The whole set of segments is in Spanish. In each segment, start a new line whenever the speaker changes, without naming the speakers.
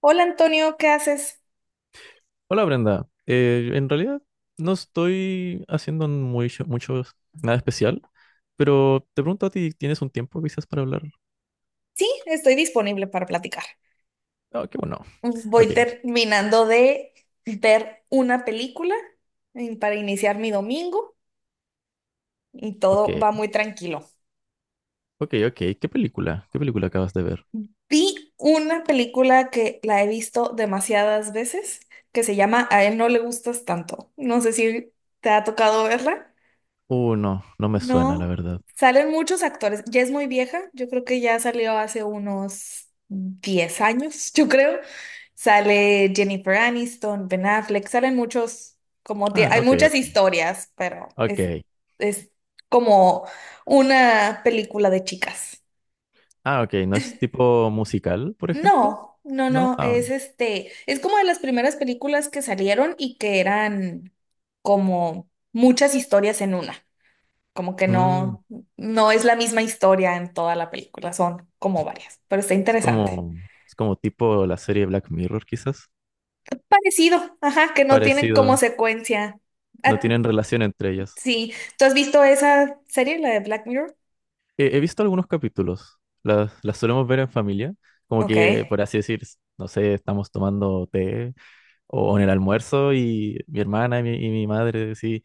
Hola Antonio, ¿qué haces?
Hola Brenda, en realidad no estoy haciendo muy, mucho, nada especial, pero te pregunto a ti, ¿tienes un tiempo quizás para hablar?
Sí, estoy disponible para platicar.
Ah, qué bueno.
Voy
Ok,
terminando de ver una película para iniciar mi domingo y
ok,
todo va muy tranquilo.
ok, ok. ¿Qué película? ¿Qué película acabas de ver?
Vi una película que la he visto demasiadas veces que se llama A él no le gustas tanto. No sé si te ha tocado verla.
No, no me suena, la
No,
verdad.
salen muchos actores. Ya es muy vieja, yo creo que ya salió hace unos 10 años, yo creo. Sale Jennifer Aniston, Ben Affleck, salen muchos,
Ah,
hay
ok,
muchas
ok.
historias, pero
Ok.
es como una película de chicas.
Ah, ok, ¿no es tipo musical, por ejemplo?
No, no,
¿No?
no,
Ah,
es es como de las primeras películas que salieron y que eran como muchas historias en una. Como que
mm,
no, no es la misma historia en toda la película, son como varias, pero está
es
interesante.
como, es como tipo la serie Black Mirror, quizás.
Parecido, ajá, que no tienen como
Parecido,
secuencia.
no
Ah,
tienen relación entre ellas.
sí, ¿tú has visto esa serie, la de Black Mirror?
He visto algunos capítulos, las solemos ver en familia, como
Ok.
que, por así decir, no sé, estamos tomando té o en el almuerzo y mi hermana y mi madre sí,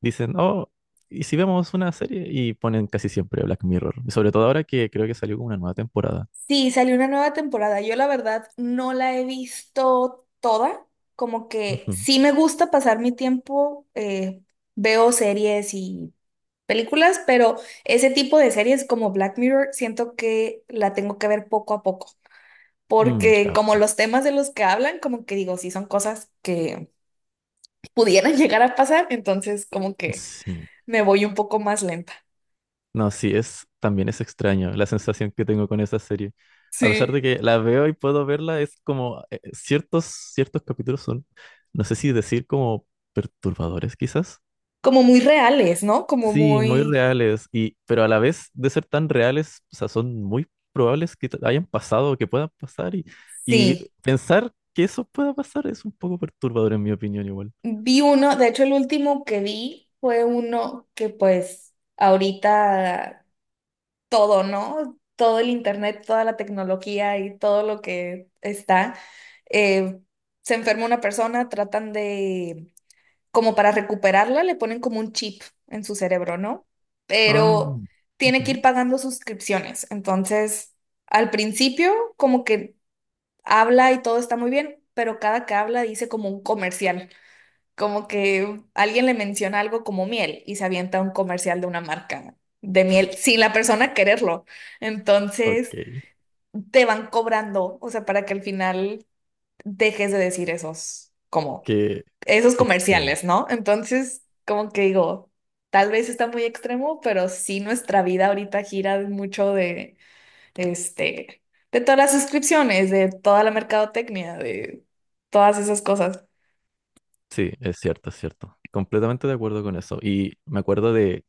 dicen, oh, ¿y si vemos una serie? Y ponen casi siempre Black Mirror, y sobre todo ahora que creo que salió como una nueva temporada.
Sí, salió una nueva temporada. Yo la verdad no la he visto toda, como que
Ujú.
sí me gusta pasar mi tiempo, veo series y películas, pero ese tipo de series como Black Mirror siento que la tengo que ver poco a poco.
Mm,
Porque como
capto.
los temas de los que hablan, como que digo, sí son cosas que pudieran llegar a pasar, entonces como que
Sí.
me voy un poco más lenta.
No, sí, es, también es extraño la sensación que tengo con esa serie. A pesar
Sí.
de que la veo y puedo verla, es como ciertos capítulos son, no sé si decir como perturbadores quizás.
Como muy reales, ¿no? Como
Sí, muy
muy...
reales, y, pero a la vez de ser tan reales, o sea, son muy probables que hayan pasado o que puedan pasar y
Sí,
pensar que eso pueda pasar es un poco perturbador en mi opinión igual.
vi uno, de hecho el último que vi fue uno que pues ahorita todo, ¿no? Todo el internet, toda la tecnología y todo lo que está, eh, se enferma una persona, tratan de como para recuperarla, le ponen como un chip en su cerebro, ¿no?
Ah,
Pero tiene que ir
ujú,
pagando suscripciones. Entonces, al principio, como que habla y todo está muy bien, pero cada que habla dice como un comercial, como que alguien le menciona algo como miel y se avienta un comercial de una marca de miel sin la persona quererlo.
ok,
Entonces, te van cobrando, o sea, para que al final dejes de decir
qué,
esos
qué extraño.
comerciales, ¿no? Entonces, como que digo, tal vez está muy extremo, pero sí nuestra vida ahorita gira mucho de, este, de todas las suscripciones, de toda la mercadotecnia, de todas esas cosas.
Sí, es cierto, es cierto. Completamente de acuerdo con eso. Y me acuerdo de,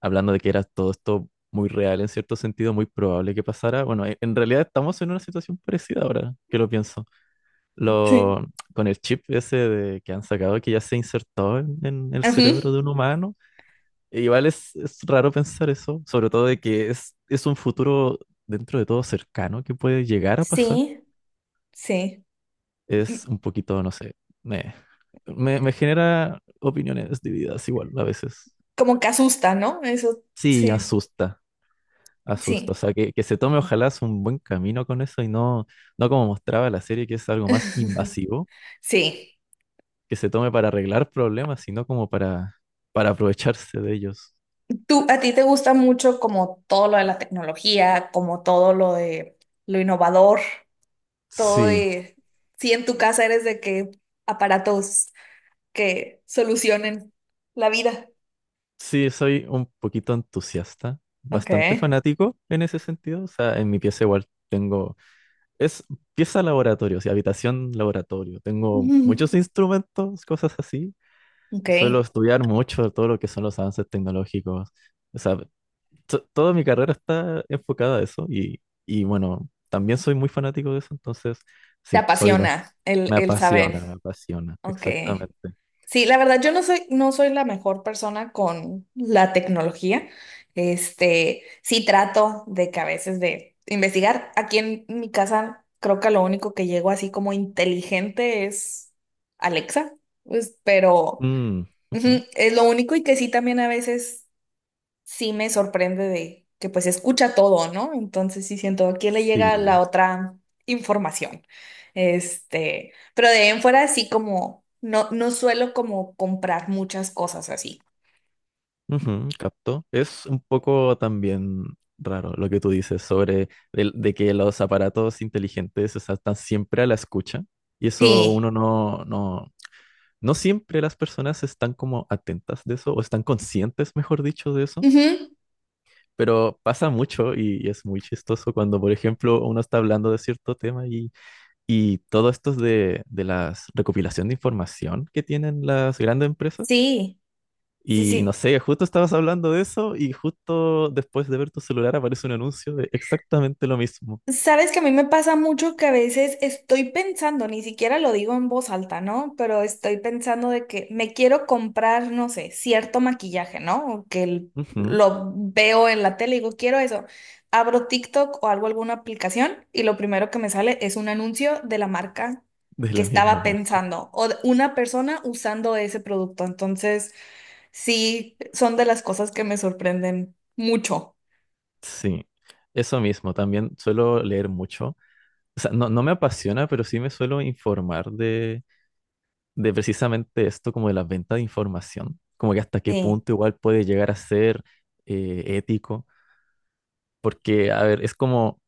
hablando de que era todo esto muy real, en cierto sentido, muy probable que pasara. Bueno, en realidad estamos en una situación parecida ahora, que lo pienso.
Sí.
Lo, con el chip ese de, que han sacado, que ya se insertó en el cerebro
Ujú.
de un humano. E Igual es raro pensar eso, sobre todo de que es un futuro dentro de todo cercano que puede llegar a pasar.
Sí, sí. Mm,
Es un poquito, no sé, me, me genera opiniones divididas igual a veces.
como que asusta, ¿no? Eso,
Sí,
sí,
asusta, asusta. O
sí,
sea, que se tome ojalá es un buen camino con eso y no, no como mostraba la serie, que es algo más invasivo,
sí.
que se tome para arreglar problemas, sino como para aprovecharse de ellos.
¿Tú, a ti te gusta mucho como todo lo de la tecnología, como todo lo de lo innovador? Todo
Sí,
de si en tu casa eres de que aparatos que solucionen la vida.
sí, soy un poquito entusiasta,
Ok.
bastante fanático en ese sentido. O sea, en mi pieza igual tengo. Es pieza laboratorio, o sea, habitación laboratorio. Tengo
Ujú.
muchos instrumentos, cosas así.
Ok.
Suelo estudiar mucho todo lo que son los avances tecnológicos. O sea, toda mi carrera está enfocada a eso y bueno, también soy muy fanático de eso, entonces
Te
sí, soy,
apasiona el saber.
me apasiona,
Ok.
exactamente.
Sí, la verdad, yo no soy, no soy la mejor persona con la tecnología. Sí trato de que a veces de investigar. Aquí en mi casa creo que lo único que llego así como inteligente es Alexa, pues, pero
Mm,
Ujú,
ujú.
es lo único y que sí también a veces sí me sorprende de que pues escucha todo, ¿no? Entonces sí siento, ¿a quién le llega
Sí.
la otra información? Pero de ahí en fuera sí como, no, no suelo como comprar muchas cosas así.
Ujú, capto. Es un poco también raro lo que tú dices sobre de, que los aparatos inteligentes, o sea, están siempre a la escucha y eso
Sí.
uno no, no, no siempre las personas están como atentas de eso o están conscientes, mejor dicho, de eso,
Ujú,
pero pasa mucho y es muy chistoso cuando, por ejemplo, uno está hablando de cierto tema y todo esto es de las recopilación de información que tienen las grandes empresas.
sí, sí,
Y no
sí.
sé, justo estabas hablando de eso y justo después de ver tu celular aparece un anuncio de exactamente lo mismo.
Sabes que a mí me pasa mucho que a veces estoy pensando, ni siquiera lo digo en voz alta, ¿no? Pero estoy pensando de que me quiero comprar, no sé, cierto maquillaje, ¿no? O
Ujú,
lo veo en la tele y digo, quiero eso. Abro TikTok o hago alguna aplicación y lo primero que me sale es un anuncio de la marca
de
que
la misma
estaba
marca.
pensando o de una persona usando ese producto. Entonces, sí, son de las cosas que me sorprenden mucho.
Sí, eso mismo. También suelo leer mucho. O sea, no, no me apasiona, pero sí me suelo informar de precisamente esto, como de la venta de información. Como que hasta qué
Sí.
punto igual puede llegar a ser ético. Porque, a ver, es como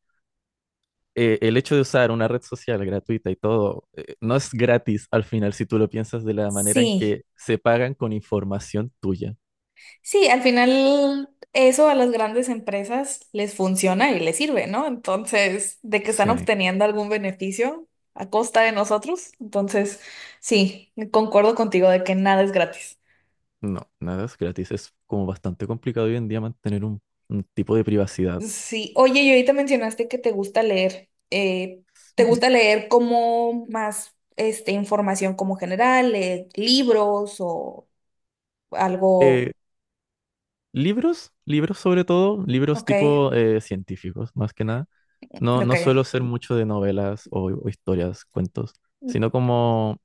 el hecho de usar una red social gratuita y todo, no es gratis al final si tú lo piensas de la manera en
Sí.
que se pagan con información tuya.
Sí, al final eso a las grandes empresas les funciona y les sirve, ¿no? Entonces, de que están
Sí,
obteniendo algún beneficio a costa de nosotros. Entonces, sí, concuerdo contigo de que nada es gratis.
no, nada es gratis. Es como bastante complicado hoy en día mantener un tipo de privacidad.
Sí, oye, y ahorita mencionaste que te gusta leer. ¿Te
Ujú.
gusta leer como más información como general, libros o
Eh,
algo?
Libros, libros sobre todo, libros
Ok,
tipo científicos, más que nada. No, no suelo
ok.
ser mucho de novelas o historias, cuentos, sino como.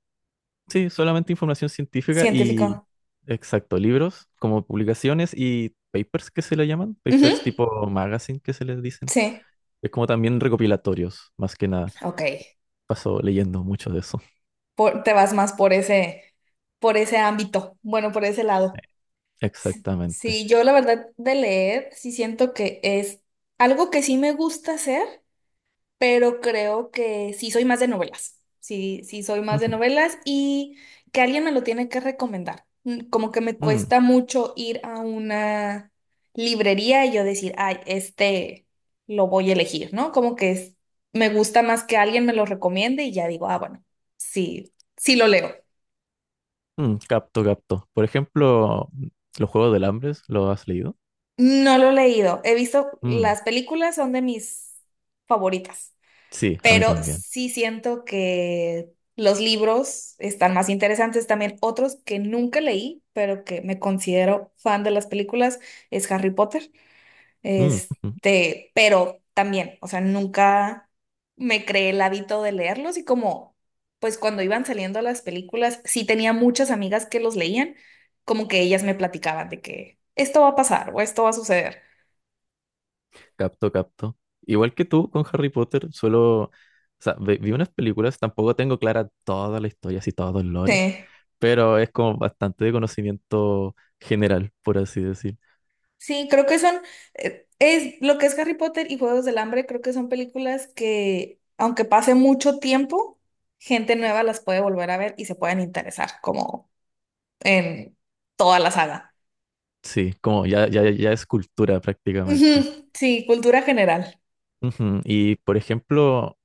Sí, solamente información científica y,
Científico.
exacto, libros como publicaciones y papers que se le llaman,
Ujú,
papers tipo magazine que se les dicen.
sí,
Es como también recopilatorios, más que nada.
ok.
Paso leyendo mucho de eso.
Te vas más por ese ámbito, bueno, por ese
Sí.
lado.
Exactamente.
Sí, yo la verdad de leer, sí siento que es algo que sí me gusta hacer, pero creo que sí soy más de novelas. Sí, sí soy más de
Ujú.
novelas y que alguien me lo tiene que recomendar. Mm, como que me
Mm,
cuesta mucho ir a una librería y yo decir, ay, lo voy a elegir, ¿no? Me gusta más que alguien me lo recomiende y ya digo, ah, bueno, sí, sí lo leo.
mm, capto, capto. Por ejemplo, los Juegos del Hambre, ¿lo has leído?
No lo he leído. He visto,
Mm,
las películas son de mis favoritas,
sí, a mí
pero
también.
sí siento que los libros están más interesantes. También otros que nunca leí, pero que me considero fan de las películas, es Harry Potter.
Mm, ujú.
Pero también, o sea, nunca me creé el hábito de leerlos y como, pues cuando iban saliendo las películas, sí tenía muchas amigas que los leían, como que ellas me platicaban de que esto va a pasar o esto va a suceder.
Capto, capto. Igual que tú con Harry Potter, solo... O sea, vi unas películas, tampoco tengo clara toda la historia, así todo el lore,
Sí,
pero es como bastante de conocimiento general, por así decir.
sí, es lo que es Harry Potter y Juegos del Hambre, creo que son películas que, aunque pase mucho tiempo, gente nueva las puede volver a ver y se pueden interesar, como en toda la saga.
Sí, como ya, ya, ya es cultura prácticamente.
Ujú, sí, cultura general.
Ujú, y por ejemplo,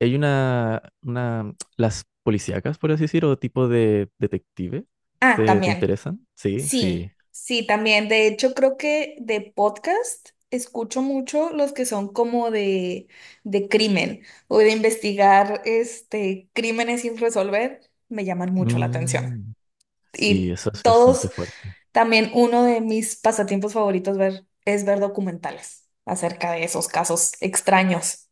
hay una, las policíacas, por así decir, o tipo de detective,
Ah,
te
también.
interesan? Sí, sí.
Sí, sí, también. De hecho, creo que de podcast escucho mucho los que son como de crimen o de investigar crímenes sin resolver, me llaman mucho la atención.
Mm, sí,
Y
eso es
todos,
bastante fuerte,
también uno de mis pasatiempos favoritos es ver documentales acerca de esos casos extraños.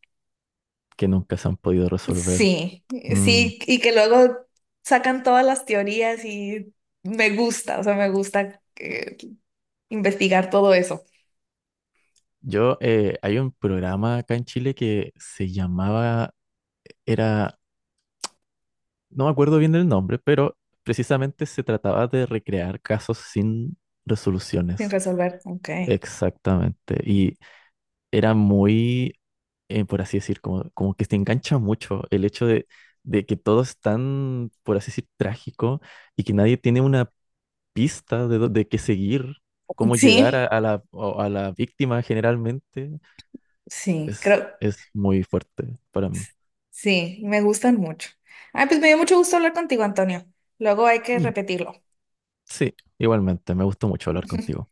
que nunca se han podido resolver.
Sí,
Mm.
sí, y que luego sacan todas las teorías y me gusta, o sea, me gusta investigar todo eso
Yo, hay un programa acá en Chile que se llamaba, era no me acuerdo bien del nombre, pero precisamente se trataba de recrear casos sin
sin
resoluciones.
resolver. Ok.
Exactamente. Y era muy, por así decir, como, como que te engancha mucho el hecho de que todo es tan, por así decir, trágico y que nadie tiene una pista de, de qué seguir, cómo llegar
Sí,
a la, a la víctima generalmente.
sí, creo,
Es muy fuerte para mí.
sí, me gustan mucho. Ay, pues me dio mucho gusto hablar contigo, Antonio. Luego hay que
Mm,
repetirlo.
sí, igualmente, me gustó mucho hablar contigo.